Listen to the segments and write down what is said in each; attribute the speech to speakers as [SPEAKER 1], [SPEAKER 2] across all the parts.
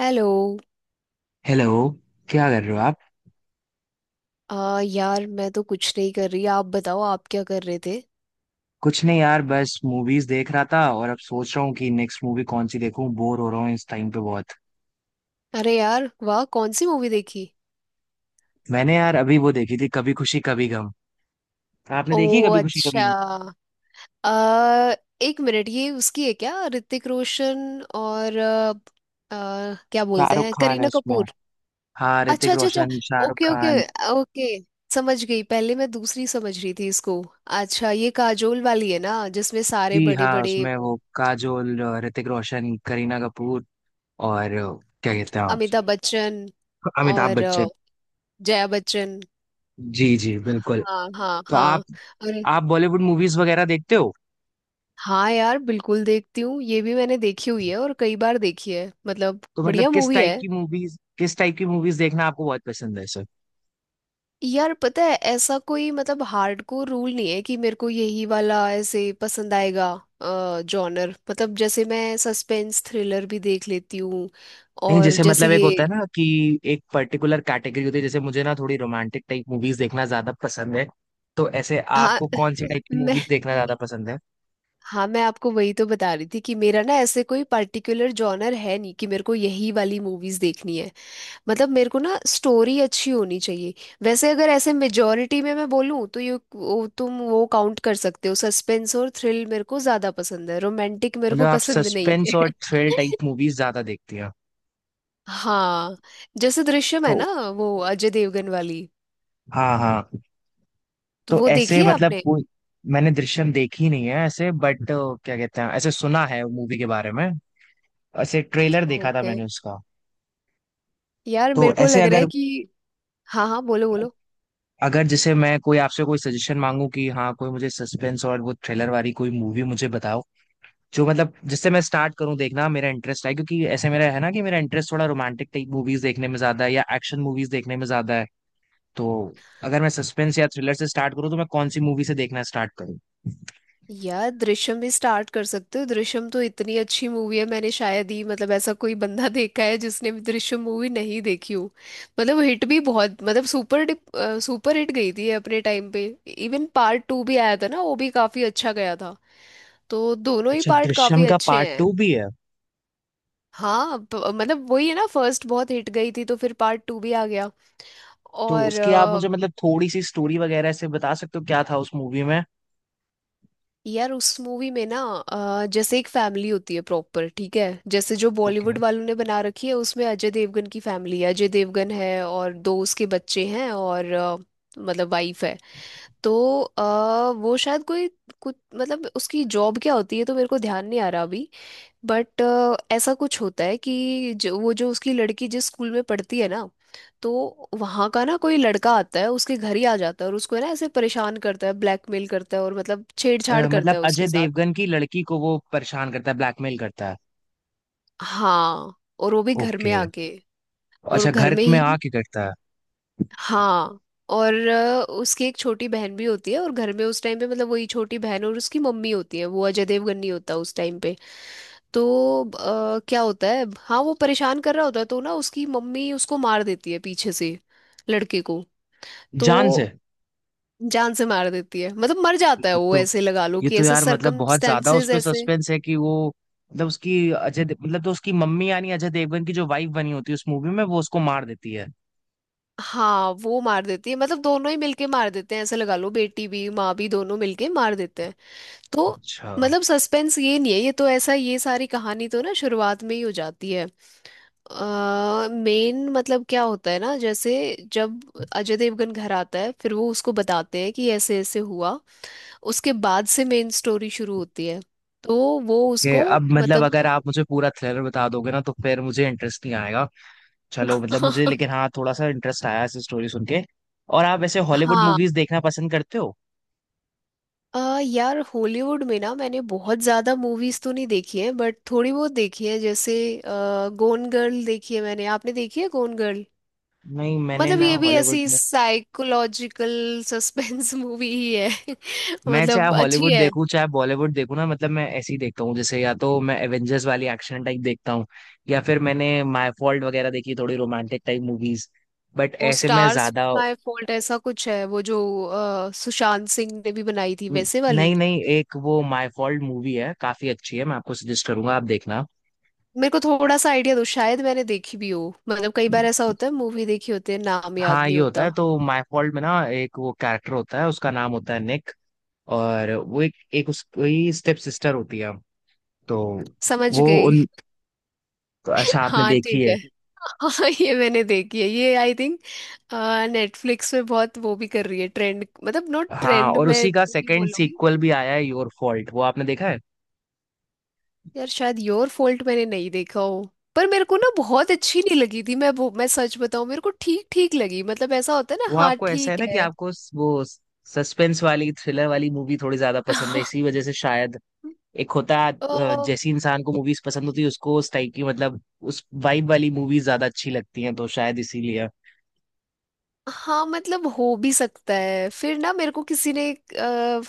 [SPEAKER 1] Hello.
[SPEAKER 2] Hello. क्या कर रहे हो आप?
[SPEAKER 1] आ यार मैं तो कुछ नहीं कर रही, आप बताओ, आप क्या कर रहे थे।
[SPEAKER 2] कुछ नहीं यार, बस मूवीज देख रहा था और अब सोच रहा हूँ कि नेक्स्ट मूवी कौन सी देखूं। बोर हो रहा हूँ इस टाइम पे बहुत।
[SPEAKER 1] अरे यार वाह, कौन सी मूवी देखी।
[SPEAKER 2] मैंने यार अभी वो देखी थी कभी खुशी कभी गम। आपने
[SPEAKER 1] ओ।
[SPEAKER 2] देखी है कभी खुशी कभी
[SPEAKER 1] अच्छा।
[SPEAKER 2] गम?
[SPEAKER 1] आ। एक मिनट, ये उसकी है क्या, ऋतिक रोशन और क्या बोलते
[SPEAKER 2] शाहरुख
[SPEAKER 1] हैं,
[SPEAKER 2] खान है
[SPEAKER 1] करीना
[SPEAKER 2] उसमें।
[SPEAKER 1] कपूर।
[SPEAKER 2] हाँ,
[SPEAKER 1] अच्छा
[SPEAKER 2] ऋतिक
[SPEAKER 1] अच्छा अच्छा।
[SPEAKER 2] Roshan, Shahrukh
[SPEAKER 1] okay okay.
[SPEAKER 2] Khan.
[SPEAKER 1] Okay. समझ गई, पहले मैं दूसरी समझ रही थी इसको। अच्छा ये काजोल वाली है ना जिसमें सारे
[SPEAKER 2] जी
[SPEAKER 1] बड़े
[SPEAKER 2] हाँ
[SPEAKER 1] बड़े
[SPEAKER 2] उसमें
[SPEAKER 1] वो,
[SPEAKER 2] वो काजोल, ऋतिक रोशन, करीना कपूर और क्या कहते हैं आप?
[SPEAKER 1] अमिताभ बच्चन
[SPEAKER 2] अमिताभ
[SPEAKER 1] और
[SPEAKER 2] बच्चन।
[SPEAKER 1] जया बच्चन।
[SPEAKER 2] जी जी बिल्कुल।
[SPEAKER 1] हाँ हाँ
[SPEAKER 2] तो
[SPEAKER 1] हाँ।
[SPEAKER 2] आप
[SPEAKER 1] अरे।
[SPEAKER 2] आप बॉलीवुड मूवीज वगैरह देखते हो?
[SPEAKER 1] हाँ यार बिल्कुल देखती हूँ, ये भी मैंने देखी हुई है और कई बार देखी है, मतलब
[SPEAKER 2] तो मतलब
[SPEAKER 1] बढ़िया
[SPEAKER 2] किस
[SPEAKER 1] मूवी
[SPEAKER 2] टाइप
[SPEAKER 1] है।
[SPEAKER 2] की मूवीज किस टाइप की मूवीज देखना आपको बहुत पसंद है सर?
[SPEAKER 1] यार पता है ऐसा कोई मतलब हार्डकोर रूल नहीं है कि मेरे को यही वाला ऐसे पसंद आएगा। जॉनर मतलब जैसे मैं सस्पेंस थ्रिलर भी देख लेती हूँ,
[SPEAKER 2] नहीं,
[SPEAKER 1] और
[SPEAKER 2] जैसे
[SPEAKER 1] जैसे
[SPEAKER 2] मतलब एक
[SPEAKER 1] ये।
[SPEAKER 2] होता है ना कि एक पर्टिकुलर कैटेगरी होती है। जैसे मुझे ना थोड़ी रोमांटिक टाइप मूवीज देखना ज्यादा पसंद है। तो ऐसे
[SPEAKER 1] हाँ
[SPEAKER 2] आपको कौन सी टाइप की
[SPEAKER 1] मैं
[SPEAKER 2] मूवीज देखना ज्यादा पसंद है?
[SPEAKER 1] हाँ मैं आपको वही तो बता रही थी कि मेरा ना ऐसे कोई पर्टिकुलर जॉनर है नहीं कि मेरे को यही वाली मूवीज देखनी है। मतलब मेरे को ना स्टोरी अच्छी होनी चाहिए। वैसे अगर ऐसे मेजोरिटी में मैं बोलूँ तो तुम वो काउंट कर सकते हो, सस्पेंस और थ्रिल मेरे को ज्यादा पसंद है, रोमांटिक मेरे
[SPEAKER 2] मतलब
[SPEAKER 1] को
[SPEAKER 2] आप
[SPEAKER 1] पसंद नहीं।
[SPEAKER 2] सस्पेंस और थ्रिल टाइप मूवीज ज्यादा देखती हैं?
[SPEAKER 1] हाँ। जैसे दृश्यम है ना,
[SPEAKER 2] तो।
[SPEAKER 1] वो अजय देवगन वाली।
[SPEAKER 2] हाँ हाँ।
[SPEAKER 1] तो
[SPEAKER 2] तो
[SPEAKER 1] वो देखी
[SPEAKER 2] ऐसे
[SPEAKER 1] है
[SPEAKER 2] मतलब
[SPEAKER 1] आपने।
[SPEAKER 2] कोई, मैंने दृश्यम देखी नहीं है ऐसे, बट क्या कहते हैं, ऐसे सुना है मूवी के बारे में। ऐसे ट्रेलर देखा था
[SPEAKER 1] ओके।
[SPEAKER 2] मैंने उसका।
[SPEAKER 1] यार
[SPEAKER 2] तो
[SPEAKER 1] मेरे को
[SPEAKER 2] ऐसे
[SPEAKER 1] लग रहा
[SPEAKER 2] अगर
[SPEAKER 1] है कि। हाँ हाँ, बोलो बोलो।
[SPEAKER 2] अगर जैसे मैं कोई आपसे कोई सजेशन मांगू कि हाँ, कोई मुझे सस्पेंस और वो थ्रिलर वाली कोई मूवी मुझे बताओ, जो मतलब जिससे मैं स्टार्ट करूँ देखना। मेरा इंटरेस्ट है क्योंकि ऐसे मेरा है ना कि मेरा इंटरेस्ट थोड़ा रोमांटिक टाइप मूवीज देखने में ज्यादा है या एक्शन मूवीज देखने में ज्यादा है। तो अगर मैं सस्पेंस या थ्रिलर से स्टार्ट करूँ तो मैं कौन सी मूवी से देखना स्टार्ट करूँ?
[SPEAKER 1] यार दृश्यम भी स्टार्ट कर सकते हो, दृश्यम तो इतनी अच्छी मूवी है, मैंने शायद ही मतलब ऐसा कोई बंदा देखा है जिसने भी दृश्यम मूवी नहीं देखी हो। मतलब हिट भी बहुत, मतलब सुपर सुपर हिट गई थी ये अपने टाइम पे। इवन पार्ट टू भी आया था ना, वो भी काफी अच्छा गया था। तो दोनों ही
[SPEAKER 2] अच्छा,
[SPEAKER 1] पार्ट काफी
[SPEAKER 2] दृश्यम का
[SPEAKER 1] अच्छे
[SPEAKER 2] पार्ट
[SPEAKER 1] हैं।
[SPEAKER 2] टू भी है?
[SPEAKER 1] हाँ मतलब वही है ना, फर्स्ट बहुत हिट गई थी तो फिर पार्ट टू भी आ गया।
[SPEAKER 2] तो
[SPEAKER 1] और।
[SPEAKER 2] उसकी आप मुझे मतलब थोड़ी सी स्टोरी वगैरह से बता सकते हो, क्या था उस मूवी में?
[SPEAKER 1] यार उस मूवी में ना जैसे एक फैमिली होती है, प्रॉपर ठीक है। जैसे जो
[SPEAKER 2] ओके।
[SPEAKER 1] बॉलीवुड वालों ने बना रखी है उसमें अजय देवगन की फैमिली है, अजय देवगन है और दो उसके बच्चे हैं, और मतलब वाइफ है। तो वो शायद कोई कुछ मतलब उसकी जॉब क्या होती है तो मेरे को ध्यान नहीं आ रहा अभी। बट ऐसा कुछ होता है कि जो वो जो उसकी लड़की जिस स्कूल में पढ़ती है ना, तो वहाँ का ना कोई लड़का आता है, उसके घर ही आ जाता है, और उसको है ना ऐसे परेशान करता है, ब्लैकमेल करता है, और मतलब छेड़छाड़ करता
[SPEAKER 2] मतलब
[SPEAKER 1] है
[SPEAKER 2] अजय
[SPEAKER 1] उसके साथ।
[SPEAKER 2] देवगन की लड़की को वो परेशान करता है, ब्लैकमेल करता है?
[SPEAKER 1] हाँ। और वो भी घर में
[SPEAKER 2] ओके,
[SPEAKER 1] आके। और
[SPEAKER 2] अच्छा,
[SPEAKER 1] घर
[SPEAKER 2] घर
[SPEAKER 1] में
[SPEAKER 2] में
[SPEAKER 1] ही।
[SPEAKER 2] आके करता है?
[SPEAKER 1] हाँ। और उसकी एक छोटी बहन भी होती है, और घर में उस टाइम पे मतलब वही छोटी बहन और उसकी मम्मी होती है, वो अजय देवगन नहीं होता उस टाइम पे। तो क्या होता है, हाँ वो परेशान कर रहा होता है तो ना उसकी मम्मी उसको मार देती है पीछे से, लड़के को।
[SPEAKER 2] जान
[SPEAKER 1] तो
[SPEAKER 2] से?
[SPEAKER 1] जान से मार देती है, मतलब मर जाता है
[SPEAKER 2] ये
[SPEAKER 1] वो,
[SPEAKER 2] तो
[SPEAKER 1] ऐसे लगा लो
[SPEAKER 2] ये
[SPEAKER 1] कि
[SPEAKER 2] तो
[SPEAKER 1] ऐसे
[SPEAKER 2] यार मतलब बहुत ज्यादा उस
[SPEAKER 1] सरकमस्टेंसेस
[SPEAKER 2] पे
[SPEAKER 1] ऐसे।
[SPEAKER 2] सस्पेंस है कि वो, मतलब उसकी मतलब तो उसकी मम्मी यानी अजय देवगन की जो वाइफ बनी होती है उस मूवी में, वो उसको मार देती है।
[SPEAKER 1] हाँ वो मार देती है, मतलब दोनों ही मिलके मार देते हैं ऐसे लगा लो, बेटी भी माँ भी दोनों मिलके मार देते हैं। तो
[SPEAKER 2] अच्छा।
[SPEAKER 1] मतलब सस्पेंस ये नहीं है, ये तो ऐसा, ये सारी कहानी तो ना शुरुआत में ही हो जाती है। मेन मतलब क्या होता है ना, जैसे जब अजय देवगन घर आता है फिर वो उसको बताते हैं कि ऐसे ऐसे हुआ। उसके बाद से मेन स्टोरी शुरू होती है। तो वो
[SPEAKER 2] कि
[SPEAKER 1] उसको
[SPEAKER 2] अब मतलब
[SPEAKER 1] मतलब।
[SPEAKER 2] अगर आप मुझे पूरा थ्रिलर बता दोगे ना तो फिर मुझे इंटरेस्ट नहीं आएगा। चलो मतलब मुझे, लेकिन हाँ, थोड़ा सा इंटरेस्ट आया इस स्टोरी सुन के। और आप वैसे हॉलीवुड
[SPEAKER 1] हाँ
[SPEAKER 2] मूवीज देखना पसंद करते हो?
[SPEAKER 1] यार हॉलीवुड में ना मैंने बहुत ज्यादा मूवीज तो नहीं देखी है, बट थोड़ी बहुत देखी है, जैसे गोन गर्ल देखी है मैंने, आपने देखी है गोन गर्ल।
[SPEAKER 2] नहीं, मैंने
[SPEAKER 1] मतलब
[SPEAKER 2] ना
[SPEAKER 1] ये भी
[SPEAKER 2] हॉलीवुड।
[SPEAKER 1] ऐसी साइकोलॉजिकल सस्पेंस मूवी ही है,
[SPEAKER 2] मैं चाहे
[SPEAKER 1] मतलब अच्छी
[SPEAKER 2] हॉलीवुड
[SPEAKER 1] है।
[SPEAKER 2] देखूं चाहे बॉलीवुड देखूं ना, मतलब मैं ऐसे ही देखता हूँ। जैसे या तो मैं एवेंजर्स वाली एक्शन टाइप देखता हूँ या फिर मैंने माय फॉल्ट वगैरह देखी, थोड़ी रोमांटिक टाइप मूवीज। बट
[SPEAKER 1] वो
[SPEAKER 2] ऐसे मैं
[SPEAKER 1] स्टार्स
[SPEAKER 2] ज्यादा।
[SPEAKER 1] माय फॉल्ट, ऐसा कुछ है वो जो सुशांत सिंह ने भी बनाई थी वैसे
[SPEAKER 2] नहीं
[SPEAKER 1] वाली।
[SPEAKER 2] नहीं, एक वो माय फॉल्ट मूवी है, काफी अच्छी है, मैं आपको सजेस्ट करूंगा, आप देखना।
[SPEAKER 1] मेरे को थोड़ा सा आइडिया दो, शायद मैंने देखी भी हो। मतलब कई बार ऐसा होता है, मूवी देखी होती है, नाम याद
[SPEAKER 2] हाँ
[SPEAKER 1] नहीं
[SPEAKER 2] ये होता है।
[SPEAKER 1] होता।
[SPEAKER 2] तो माय फॉल्ट में ना एक वो कैरेक्टर होता है, उसका नाम होता है निक। और वो एक एक उसकी स्टेप सिस्टर होती है। तो
[SPEAKER 1] समझ
[SPEAKER 2] वो
[SPEAKER 1] गई।
[SPEAKER 2] उन, अच्छा, आपने
[SPEAKER 1] हाँ
[SPEAKER 2] देखी
[SPEAKER 1] ठीक
[SPEAKER 2] है?
[SPEAKER 1] है। हाँ ये मैंने देखी है, ये आई थिंक नेटफ्लिक्स पे बहुत वो भी कर रही है ट्रेंड, मतलब नॉट
[SPEAKER 2] हाँ,
[SPEAKER 1] ट्रेंड
[SPEAKER 2] और
[SPEAKER 1] मैं
[SPEAKER 2] उसी का
[SPEAKER 1] वो भी
[SPEAKER 2] सेकंड
[SPEAKER 1] बोलूंगी।
[SPEAKER 2] सीक्वल भी आया है, योर फॉल्ट, वो आपने देखा है?
[SPEAKER 1] यार शायद योर फॉल्ट मैंने नहीं देखा हो। पर मेरे को ना बहुत अच्छी नहीं लगी थी, मैं सच बताऊं, मेरे को ठीक ठीक लगी, मतलब ऐसा होता है ना,
[SPEAKER 2] वो
[SPEAKER 1] हाँ
[SPEAKER 2] आपको ऐसा है
[SPEAKER 1] ठीक
[SPEAKER 2] ना कि
[SPEAKER 1] है।
[SPEAKER 2] आपको वो सस्पेंस वाली थ्रिलर वाली मूवी थोड़ी ज्यादा पसंद है इसी वजह से शायद। एक होता है
[SPEAKER 1] अ,
[SPEAKER 2] जैसी इंसान को मूवीज पसंद होती है उसको उस टाइप की, मतलब उस वाइब वाली मूवीज ज्यादा अच्छी लगती हैं, तो शायद इसीलिए।
[SPEAKER 1] हाँ मतलब हो भी सकता है, फिर ना मेरे को किसी ने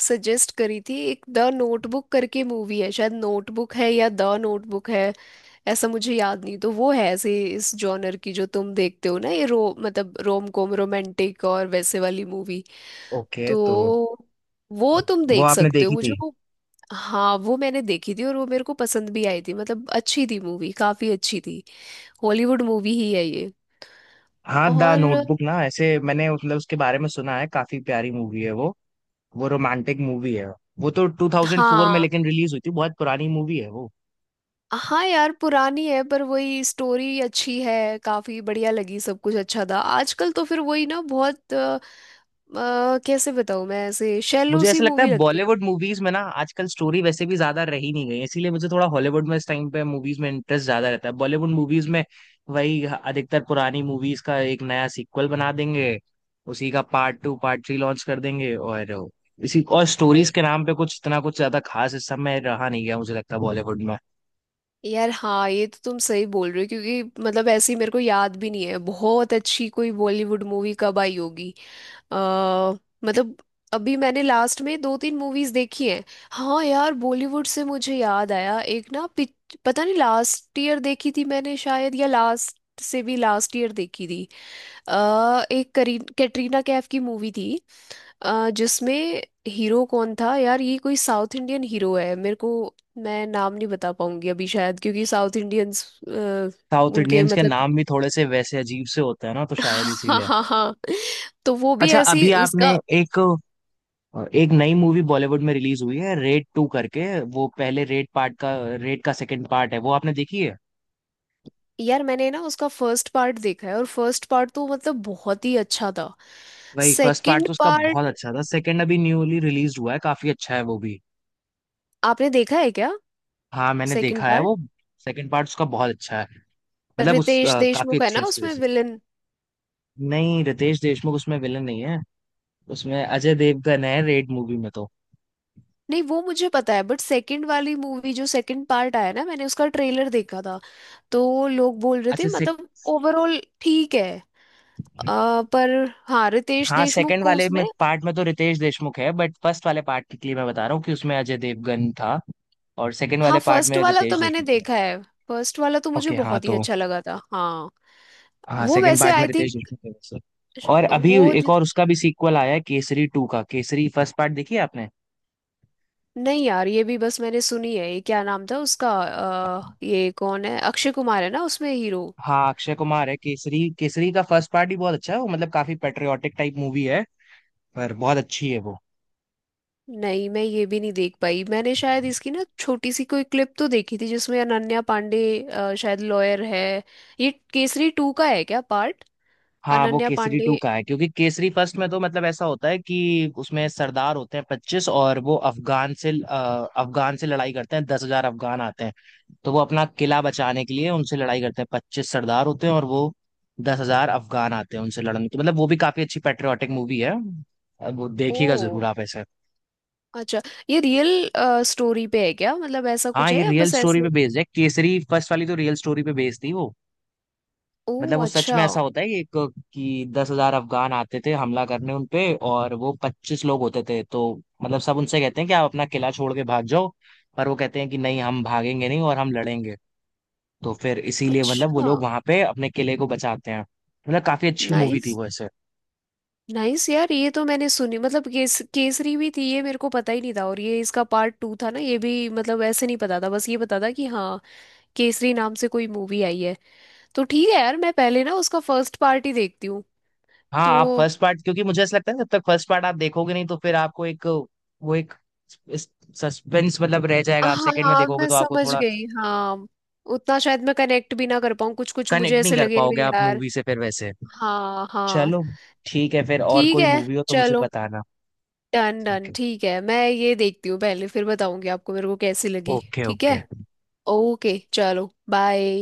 [SPEAKER 1] सजेस्ट करी थी, एक द नोटबुक करके मूवी है, शायद नोटबुक है या द नोटबुक है, ऐसा मुझे याद नहीं। तो वो है ऐसे इस जॉनर की जो तुम देखते हो ना, ये रो मतलब रोम कॉम, रोमांटिक और वैसे वाली मूवी।
[SPEAKER 2] ओके। तो
[SPEAKER 1] तो वो तुम
[SPEAKER 2] वो
[SPEAKER 1] देख
[SPEAKER 2] आपने
[SPEAKER 1] सकते हो
[SPEAKER 2] देखी
[SPEAKER 1] मुझे
[SPEAKER 2] थी?
[SPEAKER 1] वो। हाँ वो मैंने देखी थी और वो मेरे को पसंद भी आई थी, मतलब अच्छी थी मूवी, काफी अच्छी थी। हॉलीवुड मूवी ही है ये।
[SPEAKER 2] हाँ, द
[SPEAKER 1] और
[SPEAKER 2] नोटबुक ना, ऐसे मैंने मतलब उसके बारे में सुना है, काफी प्यारी मूवी है वो। वो रोमांटिक मूवी है। वो तो 2004 में
[SPEAKER 1] हाँ
[SPEAKER 2] लेकिन रिलीज हुई थी, बहुत पुरानी मूवी है वो।
[SPEAKER 1] हाँ यार पुरानी है, पर वही स्टोरी अच्छी है, काफी बढ़िया लगी, सब कुछ अच्छा था, आजकल तो फिर वही ना बहुत कैसे बताऊँ मैं, ऐसे शैलो
[SPEAKER 2] मुझे
[SPEAKER 1] सी
[SPEAKER 2] ऐसा लगता है
[SPEAKER 1] मूवी लगती है।
[SPEAKER 2] बॉलीवुड मूवीज में ना आजकल स्टोरी वैसे भी ज्यादा रही नहीं गई है, इसीलिए मुझे थोड़ा हॉलीवुड में इस टाइम पे मूवीज में इंटरेस्ट ज्यादा रहता है बॉलीवुड मूवीज में। वही अधिकतर पुरानी मूवीज का एक नया सीक्वल बना देंगे, उसी का part two, part three launch कर देंगे और इसी और स्टोरीज
[SPEAKER 1] भाई।
[SPEAKER 2] के नाम पे कुछ इतना कुछ ज्यादा खास इस समय रहा नहीं गया, मुझे लगता है बॉलीवुड में।
[SPEAKER 1] यार हाँ ये तो तुम सही बोल रहे हो, क्योंकि मतलब ऐसी मेरे को याद भी नहीं है बहुत अच्छी कोई बॉलीवुड मूवी कब आई होगी। अ मतलब अभी मैंने लास्ट में दो तीन मूवीज देखी हैं। हाँ यार बॉलीवुड से मुझे याद आया एक ना पता नहीं लास्ट ईयर देखी थी मैंने शायद, या लास्ट से भी लास्ट ईयर देखी थी। एक करीन कैटरीना कैफ की मूवी थी। जिसमें हीरो कौन था यार, ये कोई साउथ इंडियन हीरो है मेरे को। मैं नाम नहीं बता पाऊंगी अभी शायद, क्योंकि साउथ इंडियंस
[SPEAKER 2] साउथ
[SPEAKER 1] उनके
[SPEAKER 2] इंडियंस के
[SPEAKER 1] मतलब।
[SPEAKER 2] नाम भी थोड़े से वैसे अजीब से होते हैं ना, तो शायद
[SPEAKER 1] हाँ
[SPEAKER 2] इसीलिए।
[SPEAKER 1] हाँ हाँ। तो वो भी
[SPEAKER 2] अच्छा,
[SPEAKER 1] ऐसी
[SPEAKER 2] अभी आपने
[SPEAKER 1] उसका।
[SPEAKER 2] एक और, एक नई मूवी बॉलीवुड में रिलीज हुई है, रेड टू करके। वो पहले रेड पार्ट का, रेड का सेकंड पार्ट है, वो आपने देखी है?
[SPEAKER 1] यार मैंने ना उसका फर्स्ट पार्ट देखा है, और फर्स्ट पार्ट तो मतलब बहुत ही अच्छा था।
[SPEAKER 2] भाई फर्स्ट पार्ट
[SPEAKER 1] सेकंड
[SPEAKER 2] तो उसका बहुत
[SPEAKER 1] पार्ट
[SPEAKER 2] अच्छा था, सेकंड अभी न्यूली रिलीज हुआ है, काफी अच्छा है वो भी।
[SPEAKER 1] आपने देखा है क्या।
[SPEAKER 2] हाँ मैंने
[SPEAKER 1] सेकंड
[SPEAKER 2] देखा है
[SPEAKER 1] पार्ट।
[SPEAKER 2] वो, सेकंड पार्ट उसका बहुत अच्छा है, मतलब उस
[SPEAKER 1] रितेश
[SPEAKER 2] काफी
[SPEAKER 1] देशमुख है
[SPEAKER 2] अच्छी
[SPEAKER 1] ना
[SPEAKER 2] है उसकी वजह
[SPEAKER 1] उसमें
[SPEAKER 2] से।
[SPEAKER 1] विलन।
[SPEAKER 2] नहीं, रितेश देशमुख उसमें विलन नहीं है, उसमें अजय देवगन है रेड मूवी में तो।
[SPEAKER 1] नहीं वो मुझे पता है, बट सेकंड वाली मूवी जो सेकंड पार्ट आया ना, मैंने उसका ट्रेलर देखा था, तो लोग बोल रहे
[SPEAKER 2] अच्छा
[SPEAKER 1] थे
[SPEAKER 2] से।
[SPEAKER 1] मतलब ओवरऑल ठीक है, पर हाँ रितेश
[SPEAKER 2] हाँ,
[SPEAKER 1] देशमुख
[SPEAKER 2] सेकंड
[SPEAKER 1] को
[SPEAKER 2] वाले में
[SPEAKER 1] उसमें।
[SPEAKER 2] पार्ट में तो रितेश देशमुख है, बट फर्स्ट वाले पार्ट के लिए मैं बता रहा हूँ कि उसमें अजय देवगन था, और सेकंड
[SPEAKER 1] हाँ
[SPEAKER 2] वाले पार्ट
[SPEAKER 1] फर्स्ट
[SPEAKER 2] में
[SPEAKER 1] वाला तो
[SPEAKER 2] रितेश
[SPEAKER 1] मैंने
[SPEAKER 2] देशमुख है।
[SPEAKER 1] देखा है, फर्स्ट वाला तो मुझे
[SPEAKER 2] ओके हाँ
[SPEAKER 1] बहुत ही
[SPEAKER 2] तो।
[SPEAKER 1] अच्छा लगा था हाँ।
[SPEAKER 2] हाँ,
[SPEAKER 1] वो
[SPEAKER 2] सेकंड
[SPEAKER 1] वैसे
[SPEAKER 2] पार्ट में
[SPEAKER 1] आई
[SPEAKER 2] रितेश
[SPEAKER 1] थिंक
[SPEAKER 2] देशमुख थे वैसे। और अभी
[SPEAKER 1] वो।
[SPEAKER 2] एक और उसका भी सीक्वल आया है, केसरी टू का, केसरी फर्स्ट पार्ट देखी है आपने?
[SPEAKER 1] नहीं यार ये भी बस मैंने सुनी है, ये क्या नाम था उसका ये कौन है अक्षय कुमार है ना उसमें हीरो।
[SPEAKER 2] हाँ, अक्षय कुमार है केसरी, केसरी का फर्स्ट पार्ट ही बहुत अच्छा है वो, मतलब काफी पेट्रियाटिक टाइप मूवी है, पर बहुत अच्छी है वो।
[SPEAKER 1] नहीं मैं ये भी नहीं देख पाई, मैंने शायद इसकी ना छोटी सी कोई क्लिप तो देखी थी जिसमें अनन्या पांडे शायद लॉयर है। ये केसरी टू का है क्या पार्ट।
[SPEAKER 2] हाँ, वो
[SPEAKER 1] अनन्या
[SPEAKER 2] केसरी
[SPEAKER 1] पांडे।
[SPEAKER 2] टू का है, क्योंकि केसरी फर्स्ट में तो मतलब ऐसा होता है कि उसमें सरदार होते हैं 25 और वो अफगान से अफगान से लड़ाई करते हैं, 10,000 अफगान आते हैं। तो वो अपना किला बचाने के लिए उनसे लड़ाई करते हैं, 25 सरदार होते हैं और वो 10,000 अफगान आते हैं उनसे लड़ने, तो मतलब वो भी काफी अच्छी पेट्रियाटिक मूवी है, अब वो देखिएगा जरूर
[SPEAKER 1] ओ
[SPEAKER 2] आप ऐसे।
[SPEAKER 1] अच्छा। ये रियल स्टोरी पे है क्या, मतलब ऐसा
[SPEAKER 2] हाँ,
[SPEAKER 1] कुछ
[SPEAKER 2] ये
[SPEAKER 1] है या
[SPEAKER 2] रियल
[SPEAKER 1] बस
[SPEAKER 2] स्टोरी पे
[SPEAKER 1] ऐसे।
[SPEAKER 2] बेस्ड है, केसरी फर्स्ट वाली तो रियल स्टोरी पे बेस्ड थी वो।
[SPEAKER 1] ओ
[SPEAKER 2] मतलब वो सच
[SPEAKER 1] अच्छा।
[SPEAKER 2] में ऐसा होता है कि एक, कि 10,000 अफगान आते थे हमला करने उन पे, और वो 25 लोग होते थे। तो मतलब सब उनसे कहते हैं कि आप अपना किला छोड़ के भाग जाओ, पर वो कहते हैं कि नहीं हम भागेंगे नहीं, और हम लड़ेंगे। तो फिर इसीलिए मतलब वो
[SPEAKER 1] अच्छा।
[SPEAKER 2] लोग वहां पे अपने किले को बचाते हैं, मतलब काफी अच्छी मूवी थी
[SPEAKER 1] नाइस।
[SPEAKER 2] वो ऐसे।
[SPEAKER 1] नाइस यार ये तो मैंने सुनी, मतलब केसरी भी थी ये मेरे को पता ही नहीं था, और ये इसका पार्ट टू था ना, ये भी मतलब ऐसे नहीं पता था, बस ये पता था कि हाँ केसरी नाम से कोई मूवी आई है। तो ठीक है यार, मैं पहले ना उसका फर्स्ट पार्ट ही देखती हूँ।
[SPEAKER 2] हाँ, आप
[SPEAKER 1] तो
[SPEAKER 2] फर्स्ट पार्ट, क्योंकि मुझे ऐसा लगता है ना, जब तक फर्स्ट पार्ट आप देखोगे नहीं तो फिर आपको एक वो एक सस्पेंस मतलब रह जाएगा, आप सेकंड में
[SPEAKER 1] हाँ
[SPEAKER 2] देखोगे
[SPEAKER 1] मैं
[SPEAKER 2] तो आपको
[SPEAKER 1] समझ
[SPEAKER 2] थोड़ा
[SPEAKER 1] गई हाँ। उतना शायद मैं कनेक्ट भी ना कर पाऊँ, कुछ कुछ मुझे
[SPEAKER 2] कनेक्ट नहीं
[SPEAKER 1] ऐसे
[SPEAKER 2] कर
[SPEAKER 1] लगे
[SPEAKER 2] पाओगे
[SPEAKER 1] अरे
[SPEAKER 2] आप
[SPEAKER 1] यार।
[SPEAKER 2] मूवी से फिर वैसे।
[SPEAKER 1] हाँ हाँ।
[SPEAKER 2] चलो, ठीक है, फिर और
[SPEAKER 1] ठीक
[SPEAKER 2] कोई
[SPEAKER 1] है।
[SPEAKER 2] मूवी हो तो मुझे
[SPEAKER 1] चलो।
[SPEAKER 2] बताना।
[SPEAKER 1] डन
[SPEAKER 2] ठीक
[SPEAKER 1] डन
[SPEAKER 2] है।
[SPEAKER 1] ठीक है, मैं ये देखती हूँ पहले फिर बताऊंगी आपको मेरे को कैसी लगी।
[SPEAKER 2] ओके
[SPEAKER 1] ठीक है।
[SPEAKER 2] ओके।
[SPEAKER 1] ओके चलो बाय।